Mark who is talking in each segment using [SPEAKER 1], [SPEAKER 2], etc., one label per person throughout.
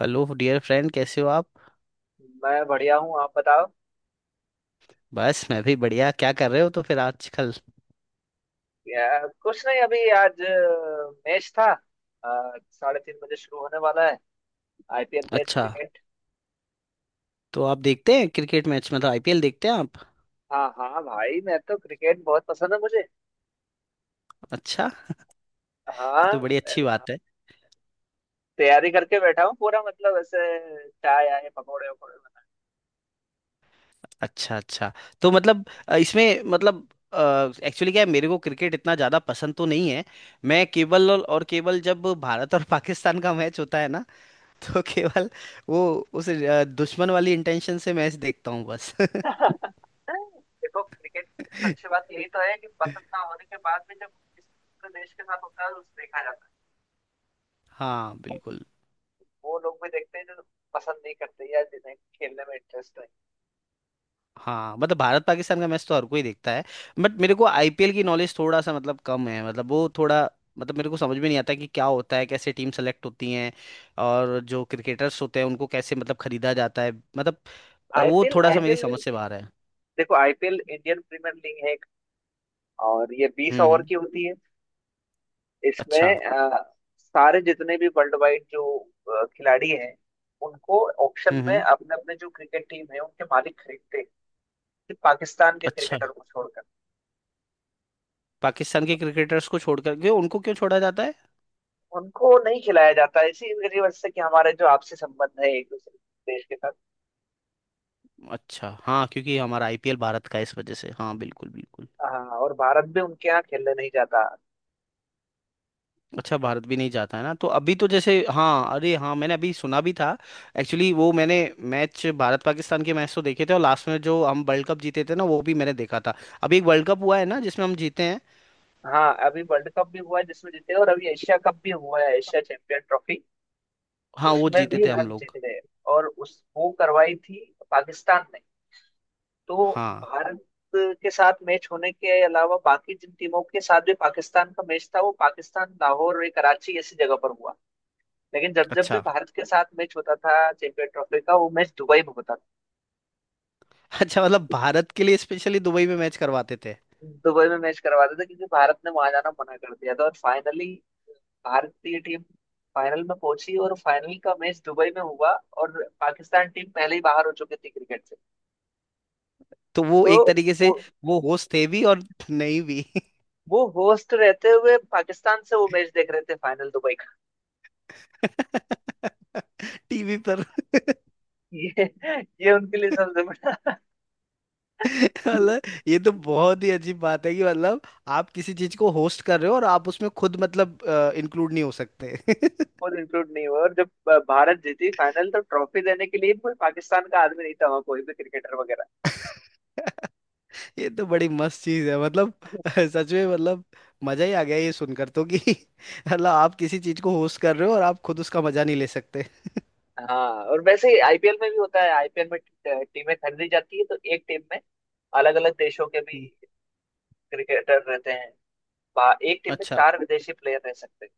[SPEAKER 1] Hello dear friend, कैसे हो आप।
[SPEAKER 2] मैं बढ़िया हूँ। आप बताओ?
[SPEAKER 1] बस मैं भी बढ़िया। क्या कर रहे हो तो फिर आजकल।
[SPEAKER 2] या, कुछ नहीं। अभी आज मैच था। 3:30 बजे शुरू होने वाला है। आईपीएल मैच,
[SPEAKER 1] अच्छा,
[SPEAKER 2] क्रिकेट।
[SPEAKER 1] तो आप देखते हैं क्रिकेट मैच, मतलब आईपीएल देखते हैं आप।
[SPEAKER 2] हाँ हाँ भाई, मैं तो क्रिकेट बहुत पसंद है मुझे।
[SPEAKER 1] अच्छा, ये
[SPEAKER 2] हाँ।
[SPEAKER 1] तो बड़ी अच्छी बात है।
[SPEAKER 2] तैयारी करके बैठा हूँ पूरा, मतलब ऐसे चाय आए पकौड़े वकौड़े
[SPEAKER 1] अच्छा अच्छा। तो मतलब इसमें मतलब एक्चुअली क्या है, मेरे को क्रिकेट इतना ज़्यादा पसंद तो नहीं है। मैं केवल और केवल जब भारत और पाकिस्तान का मैच होता है ना तो केवल वो उस दुश्मन वाली इंटेंशन से मैच देखता हूँ बस।
[SPEAKER 2] बना। देखो, क्रिकेट की अच्छी बात यही तो है कि पसंद ना होने के बाद भी जब किसी दूसरे देश के साथ होता है तो उसे देखा जाता है।
[SPEAKER 1] हाँ बिल्कुल।
[SPEAKER 2] वो लोग भी देखते हैं जो पसंद नहीं करते या जिन्हें खेलने में इंटरेस्ट है।
[SPEAKER 1] हाँ, मतलब भारत पाकिस्तान का मैच तो हर कोई देखता है। बट मेरे को आईपीएल की नॉलेज थोड़ा सा, मतलब कम है, मतलब वो थोड़ा मतलब मेरे को समझ में नहीं आता कि क्या होता है, कैसे टीम सेलेक्ट होती हैं और जो क्रिकेटर्स होते हैं उनको कैसे मतलब खरीदा जाता है, मतलब वो
[SPEAKER 2] आईपीएल
[SPEAKER 1] थोड़ा सा मेरी
[SPEAKER 2] आईपीएल।
[SPEAKER 1] समझ से बाहर है।
[SPEAKER 2] देखो, आईपीएल इंडियन प्रीमियर लीग है एक, और ये बीस ओवर
[SPEAKER 1] हम्म।
[SPEAKER 2] की होती है।
[SPEAKER 1] अच्छा।
[SPEAKER 2] इसमें अ, सारे जितने भी वर्ल्ड वाइड जो खिलाड़ी हैं उनको ऑक्शन में
[SPEAKER 1] हम्म।
[SPEAKER 2] अपने अपने जो क्रिकेट टीम है उनके मालिक खरीदते हैं। सिर्फ पाकिस्तान के
[SPEAKER 1] अच्छा,
[SPEAKER 2] क्रिकेटर को छोड़कर।
[SPEAKER 1] पाकिस्तान के क्रिकेटर्स को छोड़कर क्यों, उनको क्यों छोड़ा जाता है।
[SPEAKER 2] उनको नहीं खिलाया जाता, इसी वजह से कि हमारे जो आपसी संबंध है एक दूसरे देश के साथ।
[SPEAKER 1] अच्छा, हाँ, क्योंकि हमारा आईपीएल भारत का है इस वजह से। हाँ बिल्कुल बिल्कुल।
[SPEAKER 2] हाँ, और भारत भी उनके यहाँ खेलने नहीं जाता।
[SPEAKER 1] अच्छा, भारत भी नहीं जाता है ना। तो अभी तो जैसे, हाँ अरे हाँ, मैंने अभी सुना भी था। एक्चुअली वो मैंने मैच भारत पाकिस्तान के मैच तो देखे थे, और लास्ट में जो हम वर्ल्ड कप जीते थे ना, वो भी मैंने देखा था। अभी एक वर्ल्ड कप हुआ है ना जिसमें हम जीते हैं।
[SPEAKER 2] हाँ, अभी वर्ल्ड कप भी हुआ है जिसमें जीते, और अभी एशिया कप भी हुआ है, एशिया चैंपियन ट्रॉफी।
[SPEAKER 1] हाँ, वो
[SPEAKER 2] उसमें
[SPEAKER 1] जीते
[SPEAKER 2] भी
[SPEAKER 1] थे हम
[SPEAKER 2] हम जीत
[SPEAKER 1] लोग।
[SPEAKER 2] गए। और उस वो करवाई थी पाकिस्तान ने। तो
[SPEAKER 1] हाँ।
[SPEAKER 2] भारत के साथ मैच होने के अलावा बाकी जिन टीमों के साथ भी पाकिस्तान का मैच था, वो पाकिस्तान, लाहौर और कराची ऐसी जगह पर हुआ। लेकिन जब जब भी
[SPEAKER 1] अच्छा
[SPEAKER 2] भारत के साथ मैच होता था चैंपियन ट्रॉफी का, वो मैच दुबई में होता
[SPEAKER 1] अच्छा, मतलब भारत के लिए स्पेशली दुबई में मैच करवाते थे।
[SPEAKER 2] था। दुबई में मैच करवाते थे क्योंकि भारत ने वहां जाना मना कर दिया था, और फाइनली भारतीय टीम फाइनल में पहुंची और फाइनल का मैच दुबई में हुआ। और पाकिस्तान टीम पहले ही बाहर हो चुकी थी क्रिकेट से।
[SPEAKER 1] तो वो
[SPEAKER 2] तो
[SPEAKER 1] एक तरीके
[SPEAKER 2] वो
[SPEAKER 1] से वो होस्ट थे भी और नहीं भी।
[SPEAKER 2] वो होस्ट रहते हुए पाकिस्तान से वो मैच देख रहे थे, फाइनल दुबई का।
[SPEAKER 1] टीवी पर।
[SPEAKER 2] ये ये उनके लिए सबसे बड़ा।
[SPEAKER 1] मतलब ये तो बहुत ही अजीब बात है कि मतलब आप किसी चीज को होस्ट कर रहे हो और आप उसमें खुद मतलब इंक्लूड नहीं हो सकते।
[SPEAKER 2] और इंक्लूड नहीं हुआ, और जब भारत जीती फाइनल तो ट्रॉफी देने के लिए भी कोई पाकिस्तान का आदमी नहीं था वहाँ, कोई भी क्रिकेटर वगैरह।
[SPEAKER 1] ये तो बड़ी मस्त चीज है, मतलब सच में, मतलब मजा ही आ गया ये सुनकर तो कि मतलब आप किसी चीज को होस्ट कर रहे हो और आप खुद उसका मजा नहीं ले सकते।
[SPEAKER 2] हाँ, और वैसे ही आईपीएल में भी होता है। आईपीएल में टीमें खरीदी जाती है तो एक टीम में अलग अलग देशों के भी
[SPEAKER 1] हम्म।
[SPEAKER 2] क्रिकेटर रहते हैं। एक टीम में
[SPEAKER 1] अच्छा।
[SPEAKER 2] चार विदेशी प्लेयर रह सकते हैं।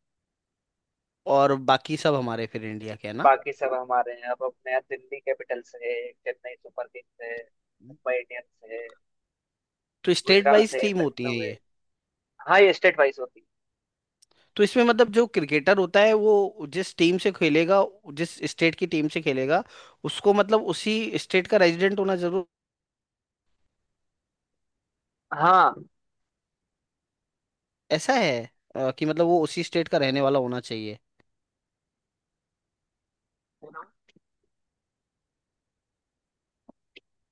[SPEAKER 1] और बाकी सब हमारे फिर इंडिया के है ना।
[SPEAKER 2] बाकी सब हमारे हैं। अब अपने यहाँ दिल्ली कैपिटल्स है, चेन्नई सुपर किंग्स है, मुंबई इंडियंस है,
[SPEAKER 1] तो स्टेट
[SPEAKER 2] गुजरात
[SPEAKER 1] वाइज
[SPEAKER 2] है,
[SPEAKER 1] थीम होती
[SPEAKER 2] लखनऊ है।
[SPEAKER 1] है।
[SPEAKER 2] हाँ, ये स्टेट वाइज होती
[SPEAKER 1] तो इसमें मतलब जो क्रिकेटर होता है वो जिस टीम से खेलेगा, जिस स्टेट की टीम से खेलेगा, उसको मतलब उसी स्टेट का रेजिडेंट होना जरूर
[SPEAKER 2] है। हाँ।
[SPEAKER 1] ऐसा है कि मतलब वो उसी स्टेट का रहने वाला होना चाहिए।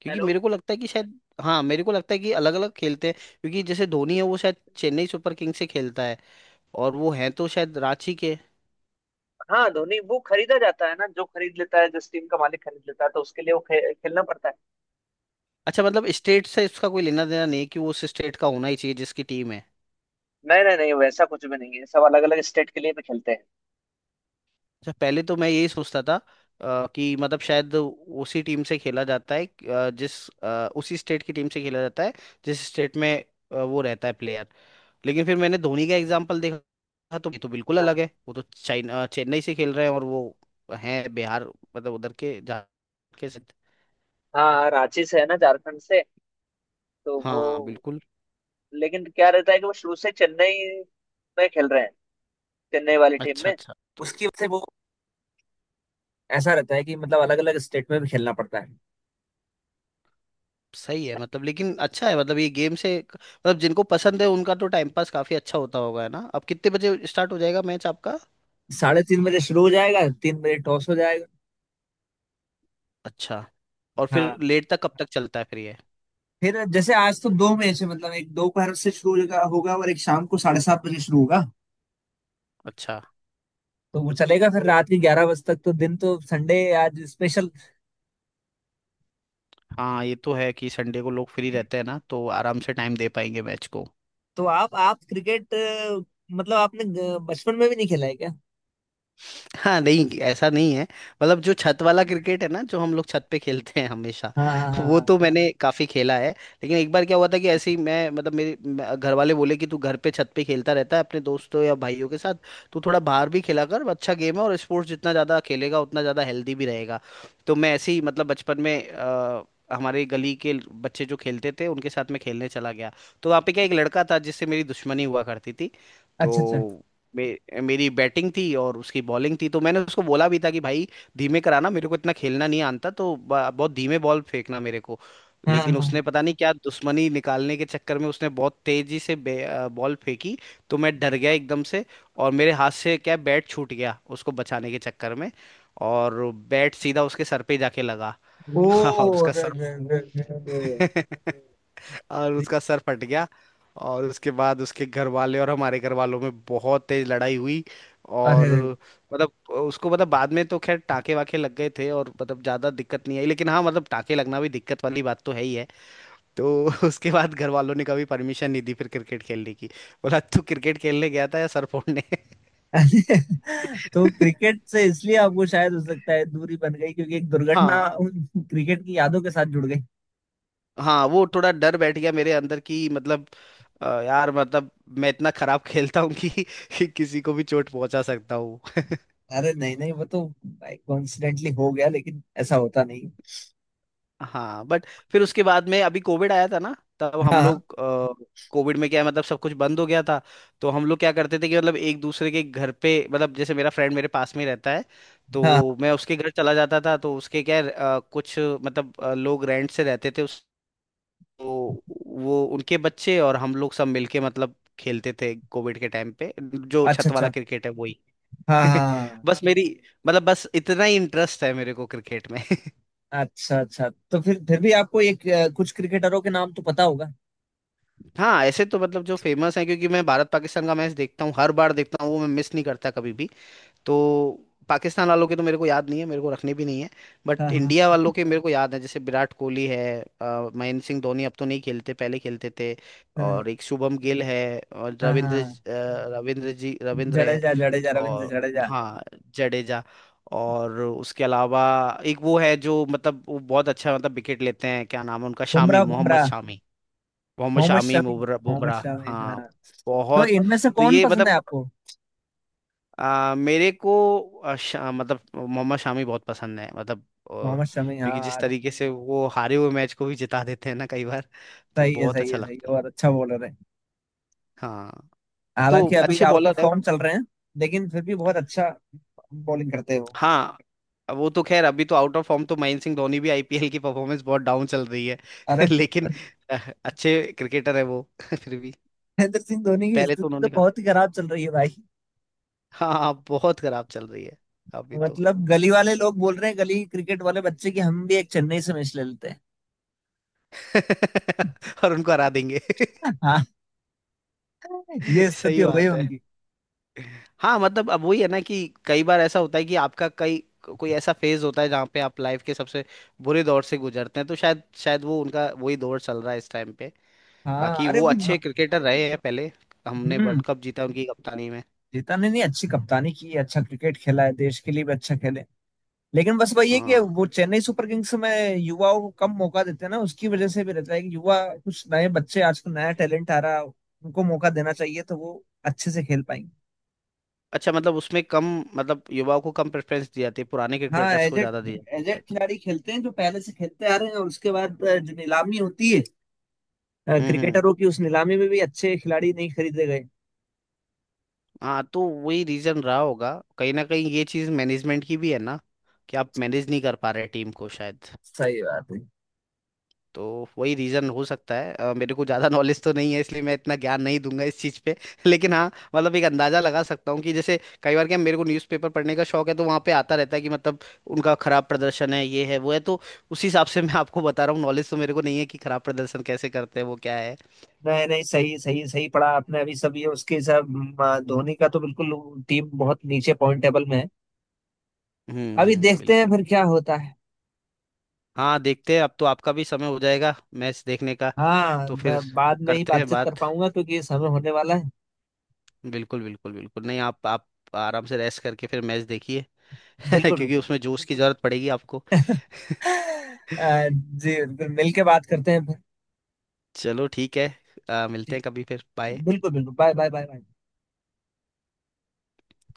[SPEAKER 1] क्योंकि
[SPEAKER 2] हेलो।
[SPEAKER 1] मेरे को लगता है कि शायद, हाँ, मेरे को लगता है कि अलग अलग खेलते हैं। क्योंकि जैसे धोनी है वो शायद चेन्नई सुपर किंग्स से खेलता है, और वो है तो शायद रांची के।
[SPEAKER 2] हाँ, धोनी वो खरीदा जाता है ना, जो खरीद लेता है जिस टीम का मालिक खरीद लेता है तो उसके लिए वो खेलना पड़ता है।
[SPEAKER 1] अच्छा, मतलब स्टेट से इसका कोई लेना देना नहीं है कि वो उस स्टेट का होना ही चाहिए जिसकी टीम है।
[SPEAKER 2] नहीं नहीं नहीं, वैसा कुछ भी नहीं है, सब अलग अलग स्टेट के लिए भी खेलते हैं।
[SPEAKER 1] अच्छा, पहले तो मैं यही सोचता था कि मतलब शायद उसी टीम से खेला जाता है, जिस उसी स्टेट की टीम से खेला जाता है जिस स्टेट में वो रहता है प्लेयर। लेकिन फिर मैंने धोनी का एग्जाम्पल देखा तो ये तो बिल्कुल अलग है। वो तो चाइना चेन्नई से खेल रहे हैं और वो हैं बिहार, मतलब उधर के झारखंड के
[SPEAKER 2] हाँ हाँ, रांची से है ना, झारखंड से। तो वो
[SPEAKER 1] हाँ बिल्कुल।
[SPEAKER 2] लेकिन क्या रहता है कि वो शुरू से चेन्नई में खेल रहे हैं, चेन्नई वाली टीम
[SPEAKER 1] अच्छा
[SPEAKER 2] में।
[SPEAKER 1] अच्छा। तो
[SPEAKER 2] उसकी वजह से वो ऐसा रहता है कि मतलब अलग अलग स्टेट में भी खेलना पड़ता है।
[SPEAKER 1] सही है, मतलब लेकिन अच्छा है, मतलब ये गेम से, मतलब जिनको पसंद है उनका तो टाइम पास काफी अच्छा होता होगा है ना। अब कितने बजे स्टार्ट हो जाएगा मैच आपका।
[SPEAKER 2] साढ़े तीन बजे शुरू हो जाएगा, 3 बजे टॉस हो जाएगा।
[SPEAKER 1] अच्छा। और
[SPEAKER 2] हाँ।
[SPEAKER 1] फिर लेट तक कब तक चलता है फिर ये।
[SPEAKER 2] फिर जैसे आज तो दो मैच है, मतलब एक दोपहर से शुरू होगा होगा और एक शाम को 7:30 बजे शुरू होगा।
[SPEAKER 1] अच्छा।
[SPEAKER 2] तो वो चलेगा फिर रात के 11 बजे तक। तो दिन तो संडे, आज स्पेशल।
[SPEAKER 1] हाँ, ये तो है कि संडे को लोग फ्री रहते हैं ना, तो आराम से टाइम दे पाएंगे मैच को।
[SPEAKER 2] तो आप क्रिकेट मतलब आपने बचपन में भी नहीं खेला है क्या?
[SPEAKER 1] हाँ, नहीं ऐसा नहीं है। मतलब जो छत वाला क्रिकेट है ना, जो हम लोग छत पे खेलते हैं हमेशा,
[SPEAKER 2] हाँ हाँ हाँ
[SPEAKER 1] वो
[SPEAKER 2] हाँ।
[SPEAKER 1] तो मैंने काफी खेला है। लेकिन एक बार क्या हुआ था कि ऐसे ही मैं, मतलब मेरे घर वाले बोले कि तू घर पे छत पे खेलता रहता है अपने दोस्तों या भाइयों के साथ, तू थोड़ा बाहर भी खेला कर, अच्छा गेम है, और स्पोर्ट्स जितना ज्यादा खेलेगा उतना ज्यादा हेल्दी भी रहेगा। तो मैं ऐसे ही मतलब बचपन में हमारे गली के बच्चे जो खेलते थे उनके साथ मैं खेलने चला गया। तो वहाँ पे क्या, एक लड़का था जिससे मेरी दुश्मनी हुआ करती थी।
[SPEAKER 2] अच्छा अच्छा।
[SPEAKER 1] तो मे, मेरी बैटिंग थी और उसकी बॉलिंग थी। तो मैंने उसको बोला भी था कि भाई धीमे कराना, मेरे को इतना खेलना नहीं आता, तो बहुत धीमे बॉल फेंकना मेरे को।
[SPEAKER 2] हाँ हाँ
[SPEAKER 1] लेकिन उसने
[SPEAKER 2] हाँ।
[SPEAKER 1] पता नहीं क्या दुश्मनी निकालने के चक्कर में उसने बहुत तेजी से बॉल फेंकी। तो मैं डर गया एकदम से, और मेरे हाथ से क्या, बैट छूट गया उसको बचाने के चक्कर में, और बैट सीधा उसके सर पे जाके लगा।
[SPEAKER 2] ओ
[SPEAKER 1] और उसका
[SPEAKER 2] अरे अरे, अरे, अरे,
[SPEAKER 1] सर और उसका सर फट गया। और उसके बाद उसके घर वाले और हमारे घर वालों में बहुत तेज लड़ाई हुई।
[SPEAKER 2] अरे,
[SPEAKER 1] और
[SPEAKER 2] अरे, अरे।
[SPEAKER 1] मतलब उसको, मतलब बाद में तो खैर टाके वाके लग गए थे और मतलब ज्यादा दिक्कत नहीं आई, लेकिन हाँ, मतलब टाके लगना भी दिक्कत वाली बात तो है ही है। तो उसके बाद घर वालों ने कभी परमिशन नहीं दी फिर क्रिकेट खेलने की। बोला तू क्रिकेट खेलने गया था या सर फोड़ने।
[SPEAKER 2] तो क्रिकेट से इसलिए आपको शायद हो सकता है दूरी बन गई क्योंकि एक दुर्घटना
[SPEAKER 1] हाँ
[SPEAKER 2] उन क्रिकेट की यादों के साथ जुड़ गई।
[SPEAKER 1] हाँ, वो थोड़ा डर बैठ गया मेरे अंदर की मतलब यार, मतलब मैं इतना खराब खेलता हूँ कि किसी को भी चोट पहुंचा सकता हूँ।
[SPEAKER 2] अरे नहीं नहीं, वो तो कोइंसिडेंटली हो गया, लेकिन ऐसा होता नहीं।
[SPEAKER 1] हाँ बट फिर उसके बाद में अभी कोविड आया था ना, तब
[SPEAKER 2] हाँ
[SPEAKER 1] हम
[SPEAKER 2] हाँ
[SPEAKER 1] लोग कोविड में क्या है, मतलब सब कुछ बंद हो गया था। तो हम लोग क्या करते थे कि मतलब एक दूसरे के घर पे, मतलब जैसे मेरा फ्रेंड मेरे पास में ही रहता है,
[SPEAKER 2] हाँ,
[SPEAKER 1] तो मैं उसके घर चला जाता था। तो उसके क्या है, कुछ मतलब लोग रेंट से रहते थे उस। तो वो उनके बच्चे और हम लोग सब मिलके मतलब खेलते थे कोविड के टाइम पे, जो
[SPEAKER 2] अच्छा
[SPEAKER 1] छत वाला
[SPEAKER 2] अच्छा।
[SPEAKER 1] क्रिकेट है वही।
[SPEAKER 2] हाँ हाँ।
[SPEAKER 1] बस मेरी, मतलब बस इतना ही इंटरेस्ट है मेरे को क्रिकेट में।
[SPEAKER 2] अच्छा अच्छा, तो फिर भी आपको एक कुछ क्रिकेटरों के नाम तो पता होगा?
[SPEAKER 1] हाँ ऐसे तो मतलब जो फेमस है, क्योंकि मैं भारत पाकिस्तान का मैच देखता हूँ, हर बार देखता हूँ, वो मैं मिस नहीं करता कभी भी। तो पाकिस्तान वालों के तो मेरे को याद नहीं है, मेरे को रखने भी नहीं है।
[SPEAKER 2] हाँ
[SPEAKER 1] बट
[SPEAKER 2] हाँ
[SPEAKER 1] इंडिया वालों के मेरे को याद है, जैसे विराट कोहली है, महेंद्र सिंह धोनी, अब तो नहीं खेलते पहले खेलते थे।
[SPEAKER 2] हाँ
[SPEAKER 1] और एक शुभम गिल है, और
[SPEAKER 2] हाँ
[SPEAKER 1] रविंद्र
[SPEAKER 2] हाँ।
[SPEAKER 1] रविंद्र जी, रविंद्र हैं
[SPEAKER 2] जडेजा जडेजा, रविंद्र
[SPEAKER 1] और
[SPEAKER 2] जडेजा।
[SPEAKER 1] हाँ जडेजा। और उसके अलावा एक वो है जो मतलब वो बहुत अच्छा, मतलब विकेट लेते हैं, क्या नाम है उनका, शामी,
[SPEAKER 2] बुमराह
[SPEAKER 1] मोहम्मद
[SPEAKER 2] बुमराह,
[SPEAKER 1] शामी। मोहम्मद
[SPEAKER 2] मोहम्मद
[SPEAKER 1] शामी,
[SPEAKER 2] शमी,
[SPEAKER 1] बुमराह,
[SPEAKER 2] मोहम्मद
[SPEAKER 1] बुमराह
[SPEAKER 2] शमी
[SPEAKER 1] हाँ।
[SPEAKER 2] हाँ। तो
[SPEAKER 1] बहुत।
[SPEAKER 2] इनमें से
[SPEAKER 1] तो
[SPEAKER 2] कौन
[SPEAKER 1] ये
[SPEAKER 2] पसंद है
[SPEAKER 1] मतलब
[SPEAKER 2] आपको?
[SPEAKER 1] मेरे को मतलब मोहम्मद शामी बहुत पसंद है। मतलब
[SPEAKER 2] मोहम्मद शमी
[SPEAKER 1] क्योंकि जिस
[SPEAKER 2] हाँ।
[SPEAKER 1] तरीके से वो हारे हुए मैच को भी जिता देते हैं ना कई बार, तो
[SPEAKER 2] सही है,
[SPEAKER 1] बहुत
[SPEAKER 2] सही
[SPEAKER 1] अच्छा
[SPEAKER 2] है, सही
[SPEAKER 1] लगता
[SPEAKER 2] है, और
[SPEAKER 1] है।
[SPEAKER 2] अच्छा बॉलर है।
[SPEAKER 1] हाँ। तो
[SPEAKER 2] हालांकि अभी
[SPEAKER 1] अच्छे
[SPEAKER 2] आउट ऑफ
[SPEAKER 1] बॉलर है
[SPEAKER 2] फॉर्म
[SPEAKER 1] वो।
[SPEAKER 2] चल रहे हैं, लेकिन फिर भी बहुत अच्छा बॉलिंग करते हो।
[SPEAKER 1] हाँ वो तो खैर अभी तो आउट ऑफ फॉर्म, तो महेंद्र सिंह धोनी भी आईपीएल की परफॉर्मेंस बहुत डाउन चल रही है।
[SPEAKER 2] अरे,
[SPEAKER 1] लेकिन आ, अच्छे क्रिकेटर है वो फिर भी।
[SPEAKER 2] महेंद्र सिंह धोनी की
[SPEAKER 1] पहले तो
[SPEAKER 2] स्थिति तो
[SPEAKER 1] उन्होंने काफी,
[SPEAKER 2] बहुत ही खराब चल रही है भाई।
[SPEAKER 1] हाँ हाँ, बहुत खराब चल रही है अभी तो।
[SPEAKER 2] मतलब गली वाले लोग बोल रहे हैं गली क्रिकेट वाले बच्चे की, हम भी एक चेन्नई से मैच ले लेते हैं।
[SPEAKER 1] और उनको हरा देंगे।
[SPEAKER 2] हाँ, ये स्थिति
[SPEAKER 1] सही
[SPEAKER 2] हो गई है
[SPEAKER 1] बात है।
[SPEAKER 2] उनकी।
[SPEAKER 1] हाँ, मतलब अब वही है ना कि कई बार ऐसा होता है कि आपका कई, कोई ऐसा फेज होता है जहाँ पे आप लाइफ के सबसे बुरे दौर से गुजरते हैं, तो शायद शायद वो उनका वही दौर चल रहा है इस टाइम पे।
[SPEAKER 2] हाँ,
[SPEAKER 1] बाकी
[SPEAKER 2] अरे
[SPEAKER 1] वो
[SPEAKER 2] वो।
[SPEAKER 1] अच्छे क्रिकेटर रहे हैं पहले। हमने
[SPEAKER 2] हम्म।
[SPEAKER 1] वर्ल्ड कप जीता उनकी कप्तानी में।
[SPEAKER 2] जीता ने नहीं, अच्छी कप्तानी की, अच्छा क्रिकेट खेला है, देश के लिए भी अच्छा खेले। लेकिन बस वही है कि
[SPEAKER 1] हाँ।
[SPEAKER 2] वो चेन्नई सुपर किंग्स में युवाओं को कम मौका देते हैं ना, उसकी वजह से भी रहता है कि युवा कुछ नए बच्चे आजकल नया टैलेंट आ रहा है, उनको मौका देना चाहिए तो वो अच्छे से खेल पाएंगे।
[SPEAKER 1] अच्छा, मतलब उसमें कम, मतलब युवाओं को कम प्रेफरेंस दी जाती है, पुराने
[SPEAKER 2] हाँ,
[SPEAKER 1] क्रिकेटर्स को
[SPEAKER 2] एजेड
[SPEAKER 1] ज्यादा दी जाती है
[SPEAKER 2] एजेड
[SPEAKER 1] शायद।
[SPEAKER 2] खिलाड़ी खेलते हैं जो पहले से खेलते आ रहे हैं, और उसके बाद जो नीलामी होती है
[SPEAKER 1] हम्म।
[SPEAKER 2] क्रिकेटरों की, उस नीलामी में भी अच्छे खिलाड़ी नहीं खरीदे गए।
[SPEAKER 1] हाँ, तो वही रीजन रहा होगा। कहीं ना कहीं ये चीज मैनेजमेंट की भी है ना कि आप मैनेज नहीं कर पा रहे टीम को शायद।
[SPEAKER 2] सही बात है।
[SPEAKER 1] तो वही रीजन हो सकता है। मेरे को ज्यादा नॉलेज तो नहीं है, इसलिए मैं इतना ज्ञान नहीं दूंगा इस चीज पे। लेकिन हाँ, मतलब एक अंदाजा लगा सकता हूँ कि जैसे कई बार क्या, मेरे को न्यूज़पेपर पढ़ने का शौक है, तो वहाँ पे आता रहता है कि मतलब उनका खराब प्रदर्शन है, ये है वो है, तो उस हिसाब से मैं आपको बता रहा हूँ। नॉलेज तो मेरे को नहीं है कि खराब प्रदर्शन कैसे करते हैं वो, क्या है।
[SPEAKER 2] नहीं नहीं, सही सही सही पढ़ा आपने। अभी सब ये उसके सब धोनी का तो बिल्कुल टीम बहुत नीचे पॉइंट टेबल में है। अभी
[SPEAKER 1] हम्म,
[SPEAKER 2] देखते हैं
[SPEAKER 1] बिल्कुल।
[SPEAKER 2] फिर क्या होता है।
[SPEAKER 1] हाँ देखते हैं। अब तो आपका भी समय हो जाएगा मैच देखने का।
[SPEAKER 2] हाँ,
[SPEAKER 1] तो
[SPEAKER 2] मैं
[SPEAKER 1] फिर
[SPEAKER 2] बाद में ही
[SPEAKER 1] करते हैं
[SPEAKER 2] बातचीत कर
[SPEAKER 1] बात।
[SPEAKER 2] पाऊंगा क्योंकि ये समय होने वाला है।
[SPEAKER 1] बिल्कुल बिल्कुल बिल्कुल, नहीं आप आप आराम से रेस्ट करके फिर मैच देखिए।
[SPEAKER 2] बिल्कुल
[SPEAKER 1] क्योंकि
[SPEAKER 2] बिल्कुल।
[SPEAKER 1] उसमें जोश की जरूरत पड़ेगी आपको।
[SPEAKER 2] जी बिल्कुल, मिल के बात करते हैं फिर।
[SPEAKER 1] चलो ठीक है। मिलते
[SPEAKER 2] जी
[SPEAKER 1] हैं कभी फिर। बाय।
[SPEAKER 2] बिल्कुल बिल्कुल, बाय बाय बाय बाय।